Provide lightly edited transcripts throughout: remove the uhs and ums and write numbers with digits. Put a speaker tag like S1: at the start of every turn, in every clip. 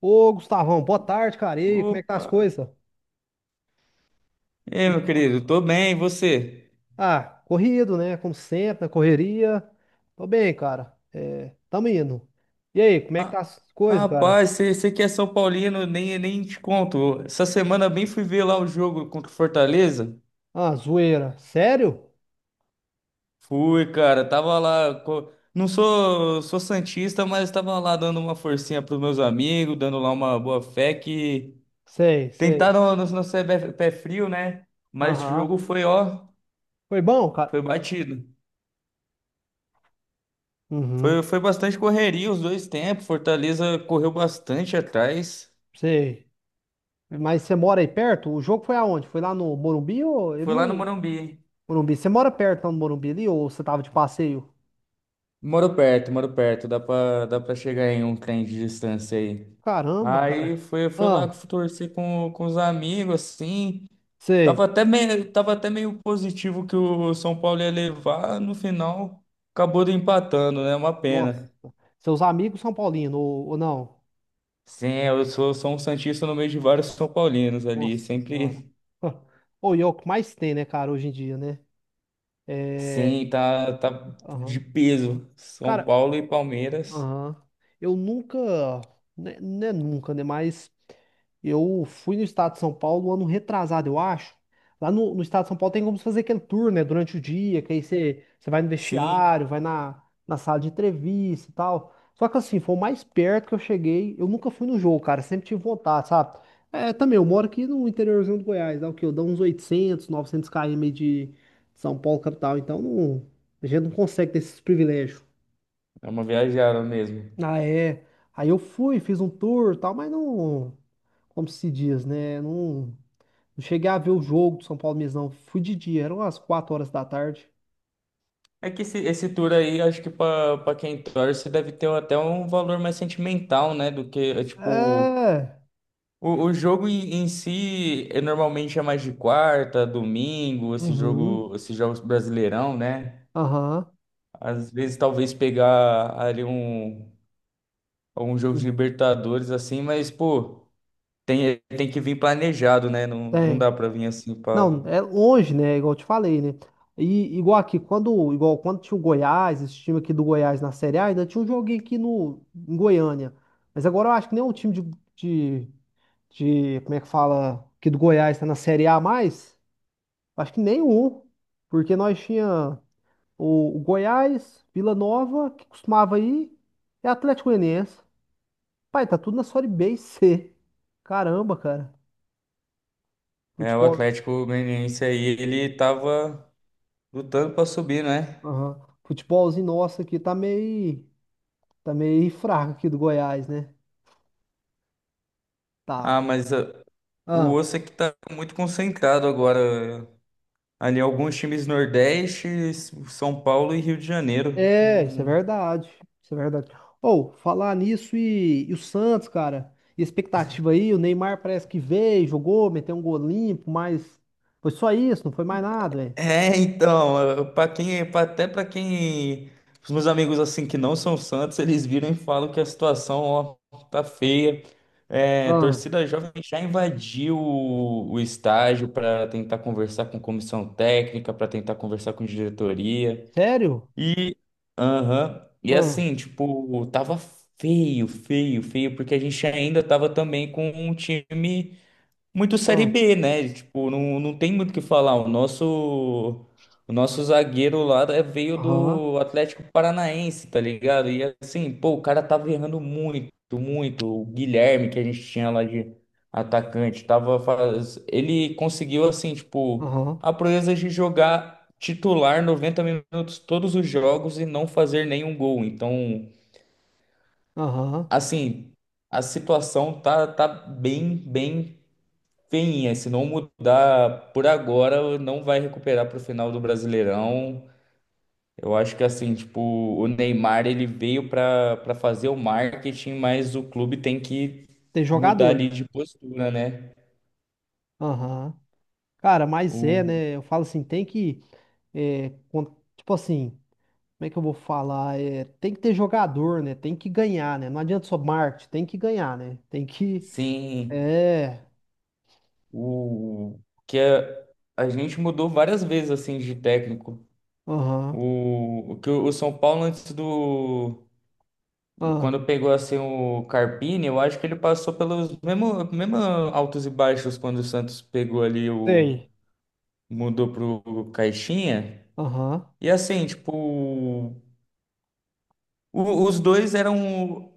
S1: Ô, Gustavão, boa tarde, cara. E aí, como
S2: Ô,
S1: é que tá as coisas?
S2: ei, meu querido, tô bem, e você?
S1: Ah, corrido, né? Como sempre, na correria. Tô bem, cara. É, tamo indo. E aí, como é que tá
S2: Ah,
S1: as coisas, cara?
S2: rapaz, você que é São Paulino, nem te conto. Essa semana bem fui ver lá o jogo contra o Fortaleza.
S1: Ah, zoeira. Sério?
S2: Fui, cara, tava lá. Não sou, sou santista, mas tava lá dando uma forcinha pros meus amigos, dando lá uma boa fé que
S1: Sei, sei.
S2: tentaram no ser pé frio, né? Mas esse
S1: Aham.
S2: jogo foi, ó,
S1: Foi bom, cara?
S2: foi batido. Foi,
S1: Uhum,
S2: foi bastante correria os dois tempos. Fortaleza correu bastante atrás.
S1: sei. Mas você mora aí perto? O jogo foi aonde? Foi lá no Morumbi ou... eu
S2: Foi lá no
S1: não...
S2: Morumbi.
S1: Morumbi. Você mora perto lá no Morumbi ali ou você tava de passeio?
S2: Moro perto, dá pra chegar em um trem de distância aí.
S1: Caramba,
S2: Aí
S1: cara.
S2: foi, foi lá que
S1: Ah,
S2: eu torci com os amigos, assim. Tava
S1: sei.
S2: até meio, tava até meio positivo que o São Paulo ia levar, no final acabou empatando, né? Uma
S1: Nossa.
S2: pena.
S1: Seus amigos são paulinos ou não?
S2: Sim, eu sou, sou um santista no meio de vários São Paulinos ali,
S1: Nossa senhora.
S2: sempre.
S1: Ou e é o que mais tem, né, cara, hoje em dia, né? É.
S2: Sim, tá, tá de
S1: Aham.
S2: peso. São
S1: Cara,
S2: Paulo e Palmeiras.
S1: aham. Eu nunca, né, não é nunca, né? Mas eu fui no estado de São Paulo ano retrasado, eu acho. Lá no, no estado de São Paulo tem como você fazer aquele tour, né? Durante o dia, que aí você, você vai no
S2: Sim,
S1: vestiário, vai na, na sala de entrevista e tal. Só que assim, foi o mais perto que eu cheguei. Eu nunca fui no jogo, cara. Sempre tive vontade, sabe? É, também, eu moro aqui no interiorzinho do Goiás, dá o quê? Eu dou uns 800, 900 km de São Paulo, capital. Então, não, a gente não consegue ter esses privilégios.
S2: é uma viajada mesmo.
S1: Ah, é. Aí eu fui, fiz um tour e tal, mas não. Como se diz, né? Não, não cheguei a ver o jogo do São Paulo mesmo, não. Fui de dia, eram as 4 horas da tarde.
S2: É que esse tour aí, acho que para quem torce, deve ter até um valor mais sentimental, né? Do que, é, tipo,
S1: É.
S2: o jogo em si é, normalmente é mais de quarta, domingo, esse
S1: Uhum.
S2: jogo, esses jogos brasileirão, né?
S1: Aham.
S2: Às vezes talvez pegar ali um, um jogo de Libertadores, assim, mas, pô, tem, tem que vir planejado, né? Não, não
S1: Tem.
S2: dá para vir assim para.
S1: Não, é longe, né? Igual eu te falei, né? E igual aqui, quando, igual quando tinha o Goiás, esse time aqui do Goiás na Série A, ainda tinha um joguinho aqui no, em Goiânia. Mas agora eu acho que nem nenhum time de, como é que fala, aqui do Goiás tá na Série A mais. Acho que nenhum, porque nós tinha o Goiás, Vila Nova, que costumava ir, e Atlético Goianiense. Pai, tá tudo na Série B e C. Caramba, cara.
S2: É, o
S1: Futebol,
S2: Atlético Goianiense aí, ele tava lutando para subir, né?
S1: aham. Futebolzinho nosso aqui tá meio fraco aqui do Goiás, né?
S2: Ah,
S1: Tá.
S2: mas. O
S1: Ah,
S2: osso é que tá muito concentrado agora. Ali, alguns times Nordeste, São Paulo e Rio de Janeiro.
S1: é, isso é
S2: Não-
S1: verdade. Isso é verdade. Ou, falar nisso e o Santos, cara, e a expectativa aí, o Neymar parece que veio, jogou, meteu um gol limpo, mas foi só isso, não foi mais nada, velho.
S2: É, então, para quem, até para quem, os meus amigos assim que não são Santos, eles viram e falam que a situação, ó, tá
S1: Ah,
S2: feia. É, a
S1: ah,
S2: torcida jovem já invadiu o estádio para tentar conversar com comissão técnica, para tentar conversar com diretoria.
S1: sério?
S2: E, aham, e
S1: Ah,
S2: assim, tipo, tava feio, feio, feio, porque a gente ainda tava também com um time muito Série
S1: ah,
S2: B, né? Tipo, não, não tem muito o que falar. O nosso zagueiro lá é- veio
S1: aham,
S2: do Atlético Paranaense, tá ligado? E assim, pô, o cara tava errando muito, muito. O Guilherme, que a gente tinha lá de atacante, tava faz... ele conseguiu, assim, tipo,
S1: aham,
S2: a proeza de jogar titular 90 minutos todos os jogos e não fazer nenhum gol. Então,
S1: aham.
S2: assim. A situação tá, tá bem, bem feinha. Se não mudar por agora, não vai recuperar para o final do Brasileirão. Eu acho que assim, tipo, o Neymar ele veio para fazer o marketing, mas o clube tem que
S1: Tem
S2: mudar
S1: jogador.
S2: ali de postura, né?
S1: Aham. Cara, mas
S2: O,
S1: é, né? Eu falo assim, tem que. É, tipo assim, como é que eu vou falar? É, tem que ter jogador, né? Tem que ganhar, né? Não adianta só marketing, tem que ganhar, né? Tem que.
S2: sim,
S1: É.
S2: o que a gente mudou várias vezes assim de técnico.
S1: Aham.
S2: O que o São Paulo antes do
S1: Ah,
S2: quando pegou assim o Carpini, eu acho que ele passou pelos mesmos mesmo altos e baixos quando o Santos pegou ali o
S1: sei.
S2: mudou pro Caixinha.
S1: Aham.
S2: E assim, tipo, os dois eram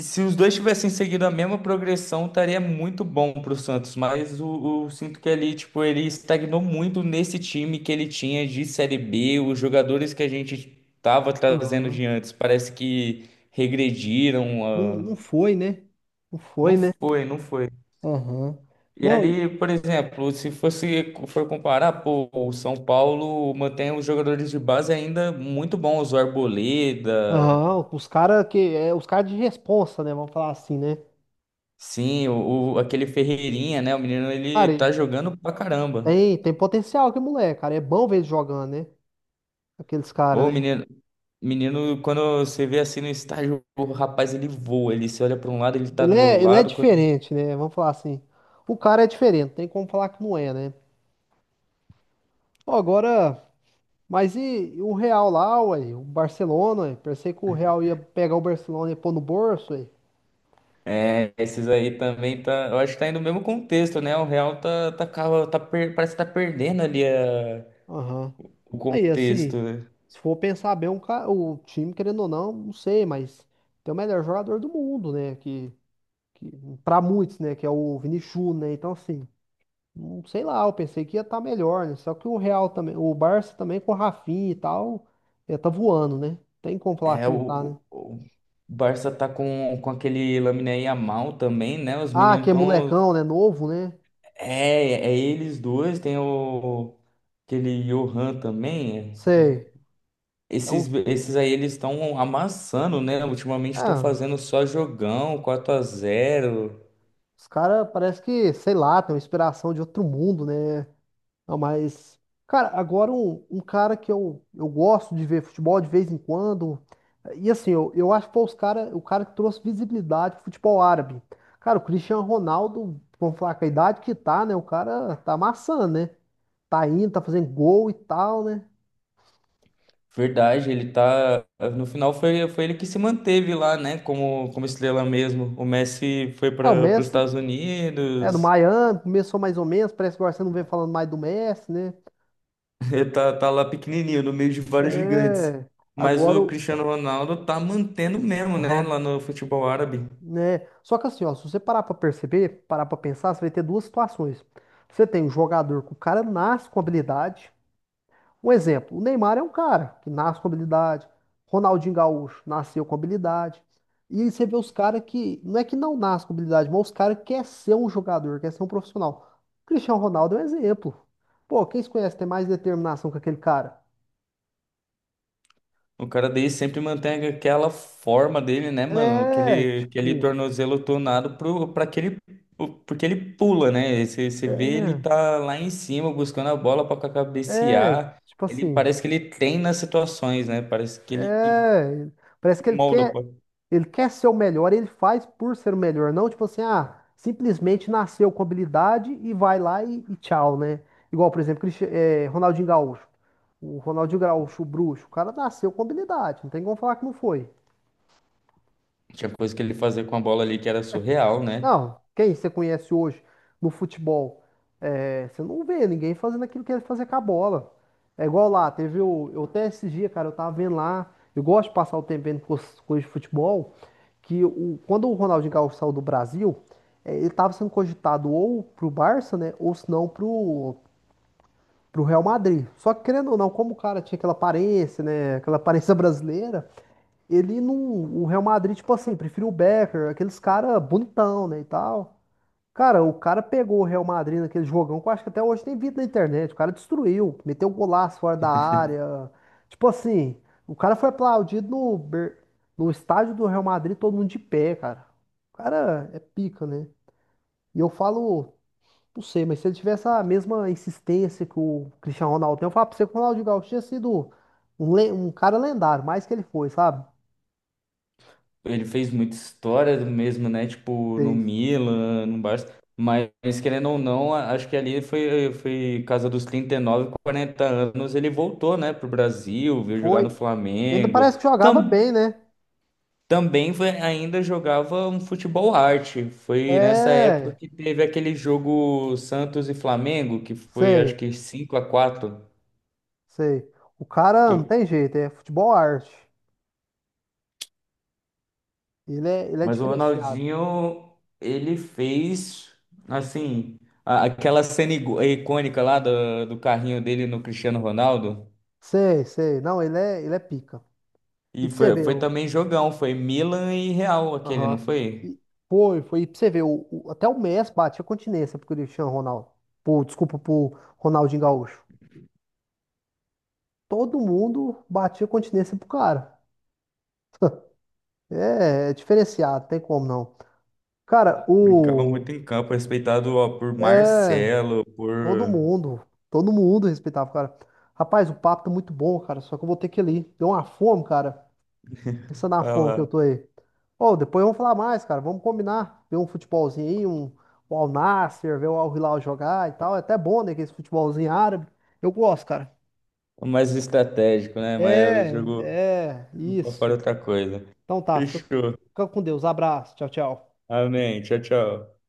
S2: se os dois tivessem seguido a mesma progressão, estaria muito bom pro Santos, mas o sinto que ali, tipo, ele estagnou muito nesse time que ele tinha de Série B, os jogadores que a gente tava trazendo
S1: Aham.
S2: de antes, parece que regrediram,
S1: Não,
S2: ah,
S1: não foi, né? Não foi,
S2: não
S1: né?
S2: foi, não foi.
S1: Aham.
S2: E
S1: Não.
S2: ali, por exemplo, se fosse for comparar, pô, o São Paulo mantém os jogadores de base ainda muito bons, o Arboleda,
S1: Aham, os caras que. É, os caras de responsa, né? Vamos falar assim, né?
S2: sim, aquele Ferreirinha, né? O menino
S1: Cara,
S2: ele tá jogando pra caramba.
S1: tem, tem potencial que moleque, cara. É bom ver ele jogando, né? Aqueles caras,
S2: Ô,
S1: né?
S2: menino, menino, quando você vê assim no estádio, o rapaz ele voa, ele se olha pra um lado, ele tá
S1: Ele
S2: do
S1: é, ele é
S2: lado. Quando...
S1: diferente, né? Vamos falar assim. O cara é diferente, não tem como falar que não é, né? Pô, agora. Mas e o Real lá, ué? O Barcelona, ué? Pensei que o Real ia pegar o Barcelona e pôr no bolso, ué.
S2: É, esses aí também tá, eu acho que tá indo no mesmo contexto, né? O Real tá, parece que tá perdendo ali
S1: Aham.
S2: o
S1: Aí,
S2: contexto,
S1: assim,
S2: né?
S1: se for pensar bem, um o time, querendo ou não, não sei, mas tem o melhor jogador do mundo, né? Que para muitos, né, que é o Vini Júnior, né? Então assim, não sei lá, eu pensei que ia estar melhor, né? Só que o Real também, o Barça também com o Rafinha e tal, ia tá voando, né? Tem como falar
S2: É,
S1: que não tá, né?
S2: o Barça tá com aquele Lamine Yamal também, né? Os
S1: Ah,
S2: meninos
S1: que é
S2: estão.
S1: molecão, né? Novo, né?
S2: É, é eles dois, tem o aquele Johan também.
S1: Sei. É
S2: Esses,
S1: um-
S2: esses aí eles estão amassando, né? Ultimamente estão
S1: ah,
S2: fazendo só jogão, quatro a zero.
S1: os caras parece que, sei lá, tem uma inspiração de outro mundo, né? Não, mas, cara, agora um cara que eu gosto de ver futebol de vez em quando. E assim, eu acho que foi os cara, o cara que trouxe visibilidade pro futebol árabe. Cara, o Cristiano Ronaldo, vamos falar com a idade que tá, né? O cara tá amassando, né? Tá indo, tá fazendo gol e tal, né?
S2: Verdade, ele tá. No final foi, foi ele que se manteve lá, né? Como, como estrela mesmo. O Messi foi
S1: É, o
S2: para os
S1: Messi
S2: Estados
S1: é do
S2: Unidos.
S1: Miami, começou mais ou menos, parece que agora você não vem falando mais do Messi, né?
S2: Ele tá, tá lá pequenininho, no meio de vários gigantes.
S1: É,
S2: Mas
S1: agora
S2: o
S1: o.
S2: Cristiano Ronaldo tá mantendo mesmo, né?
S1: Aham.
S2: Lá no futebol árabe.
S1: Né? Só que assim, ó, se você parar pra perceber, parar pra pensar, você vai ter duas situações. Você tem um jogador que o cara nasce com habilidade. Um exemplo, o Neymar é um cara que nasce com habilidade. Ronaldinho Gaúcho nasceu com habilidade. E aí você vê os caras que, não é que não nasce com habilidade, mas os caras querem ser um jogador, quer ser um profissional. O Cristiano Ronaldo é um exemplo. Pô, quem se conhece tem mais determinação que aquele cara?
S2: O cara dele sempre mantém aquela forma dele, né, mano?
S1: É,
S2: Aquele, aquele
S1: tipo,
S2: tornozelo tonado pro, pra que ele, porque ele pula, né? Você, você vê ele tá lá em cima buscando a bola pra
S1: é, é,
S2: cabecear.
S1: tipo
S2: Ele
S1: assim,
S2: parece que ele treina as situações, né? Parece que ele
S1: é, parece que ele
S2: molda,
S1: quer.
S2: pô.
S1: Ele quer ser o melhor, ele faz por ser o melhor, não tipo assim, ah, simplesmente nasceu com habilidade e vai lá e tchau, né? Igual, por exemplo, Ronaldinho Gaúcho. O Ronaldinho Gaúcho, o bruxo, o cara nasceu com habilidade, não tem como falar que não foi.
S2: Tinha coisa que ele fazia com a bola ali que era surreal, né?
S1: Não, quem você conhece hoje no futebol? É, você não vê ninguém fazendo aquilo que ele fazia com a bola. É igual lá, teve o. Eu até esses dias, cara, eu tava vendo lá. Eu gosto de passar o tempo vendo coisa de futebol. Que o, quando o Ronaldinho Gaúcho saiu do Brasil, é, ele tava sendo cogitado ou pro Barça, né? Ou se não pro, pro Real Madrid. Só que querendo ou não, como o cara tinha aquela aparência, né? Aquela aparência brasileira, ele não. O Real Madrid, tipo assim, preferiu o Becker, aqueles caras bonitão, né? E tal. Cara, o cara pegou o Real Madrid naquele jogão que eu acho que até hoje tem vídeo na internet. O cara destruiu, meteu um golaço fora da área. Tipo assim, o cara foi aplaudido no, no estádio do Real Madrid, todo mundo de pé, cara. O cara é pica, né? E eu falo, não sei, mas se ele tivesse a mesma insistência que o Cristiano Ronaldo tem, eu falo pra você que o Ronaldinho Gaúcho tinha sido um, um cara lendário, mais que ele foi, sabe?
S2: Ele fez muita história do mesmo, né? Tipo, no
S1: Fez.
S2: Milan, no Barça. Mas, querendo ou não, acho que ali foi, foi casa dos 39, 40 anos. Ele voltou, né, pro Brasil, veio jogar no
S1: Foi. Ainda
S2: Flamengo.
S1: parece que jogava
S2: Tam,
S1: bem, né?
S2: também foi- ainda jogava um futebol arte. Foi nessa época
S1: É,
S2: que teve aquele jogo Santos e Flamengo, que foi acho
S1: sei.
S2: que 5 a quatro.
S1: Sei. O cara não tem jeito, é futebol arte. Ele é
S2: Mas o
S1: diferenciado.
S2: Ronaldinho, ele fez, assim, aquela cena icônica lá do carrinho dele no Cristiano Ronaldo.
S1: Sei, sei. Não, ele é pica. E
S2: E
S1: pra você
S2: foi,
S1: ver,
S2: foi
S1: o-
S2: também jogão, foi Milan e Real aquele,
S1: aham.
S2: não foi?
S1: E foi, foi. E pra você ver, o, até o Messi batia continência pro Cristiano Ronaldo. Pô, desculpa, pro Ronaldinho Gaúcho. Todo mundo batia continência pro cara. É, é diferenciado, tem como não. Cara,
S2: Brincava muito
S1: o.
S2: em campo, respeitado ó, por Marcelo,
S1: Todo
S2: por...
S1: mundo, todo mundo respeitava, cara. Rapaz, o papo tá muito bom, cara. Só que eu vou ter que ir ali. Deu uma fome, cara. Pensa na fome que eu
S2: Fala,
S1: tô aí. Ô, depois vamos falar mais, cara. Vamos combinar. Ver um futebolzinho aí, um Al Nassr, ver o Al Hilal jogar e tal. É até bom, né? Que esse futebolzinho árabe. Eu gosto, cara.
S2: mais estratégico, né? Mas o jogo
S1: É, é,
S2: pra fora é
S1: isso.
S2: outra coisa.
S1: Então tá, fica,
S2: Fechou.
S1: fica com Deus. Abraço. Tchau, tchau.
S2: Amém. Tchau, tchau.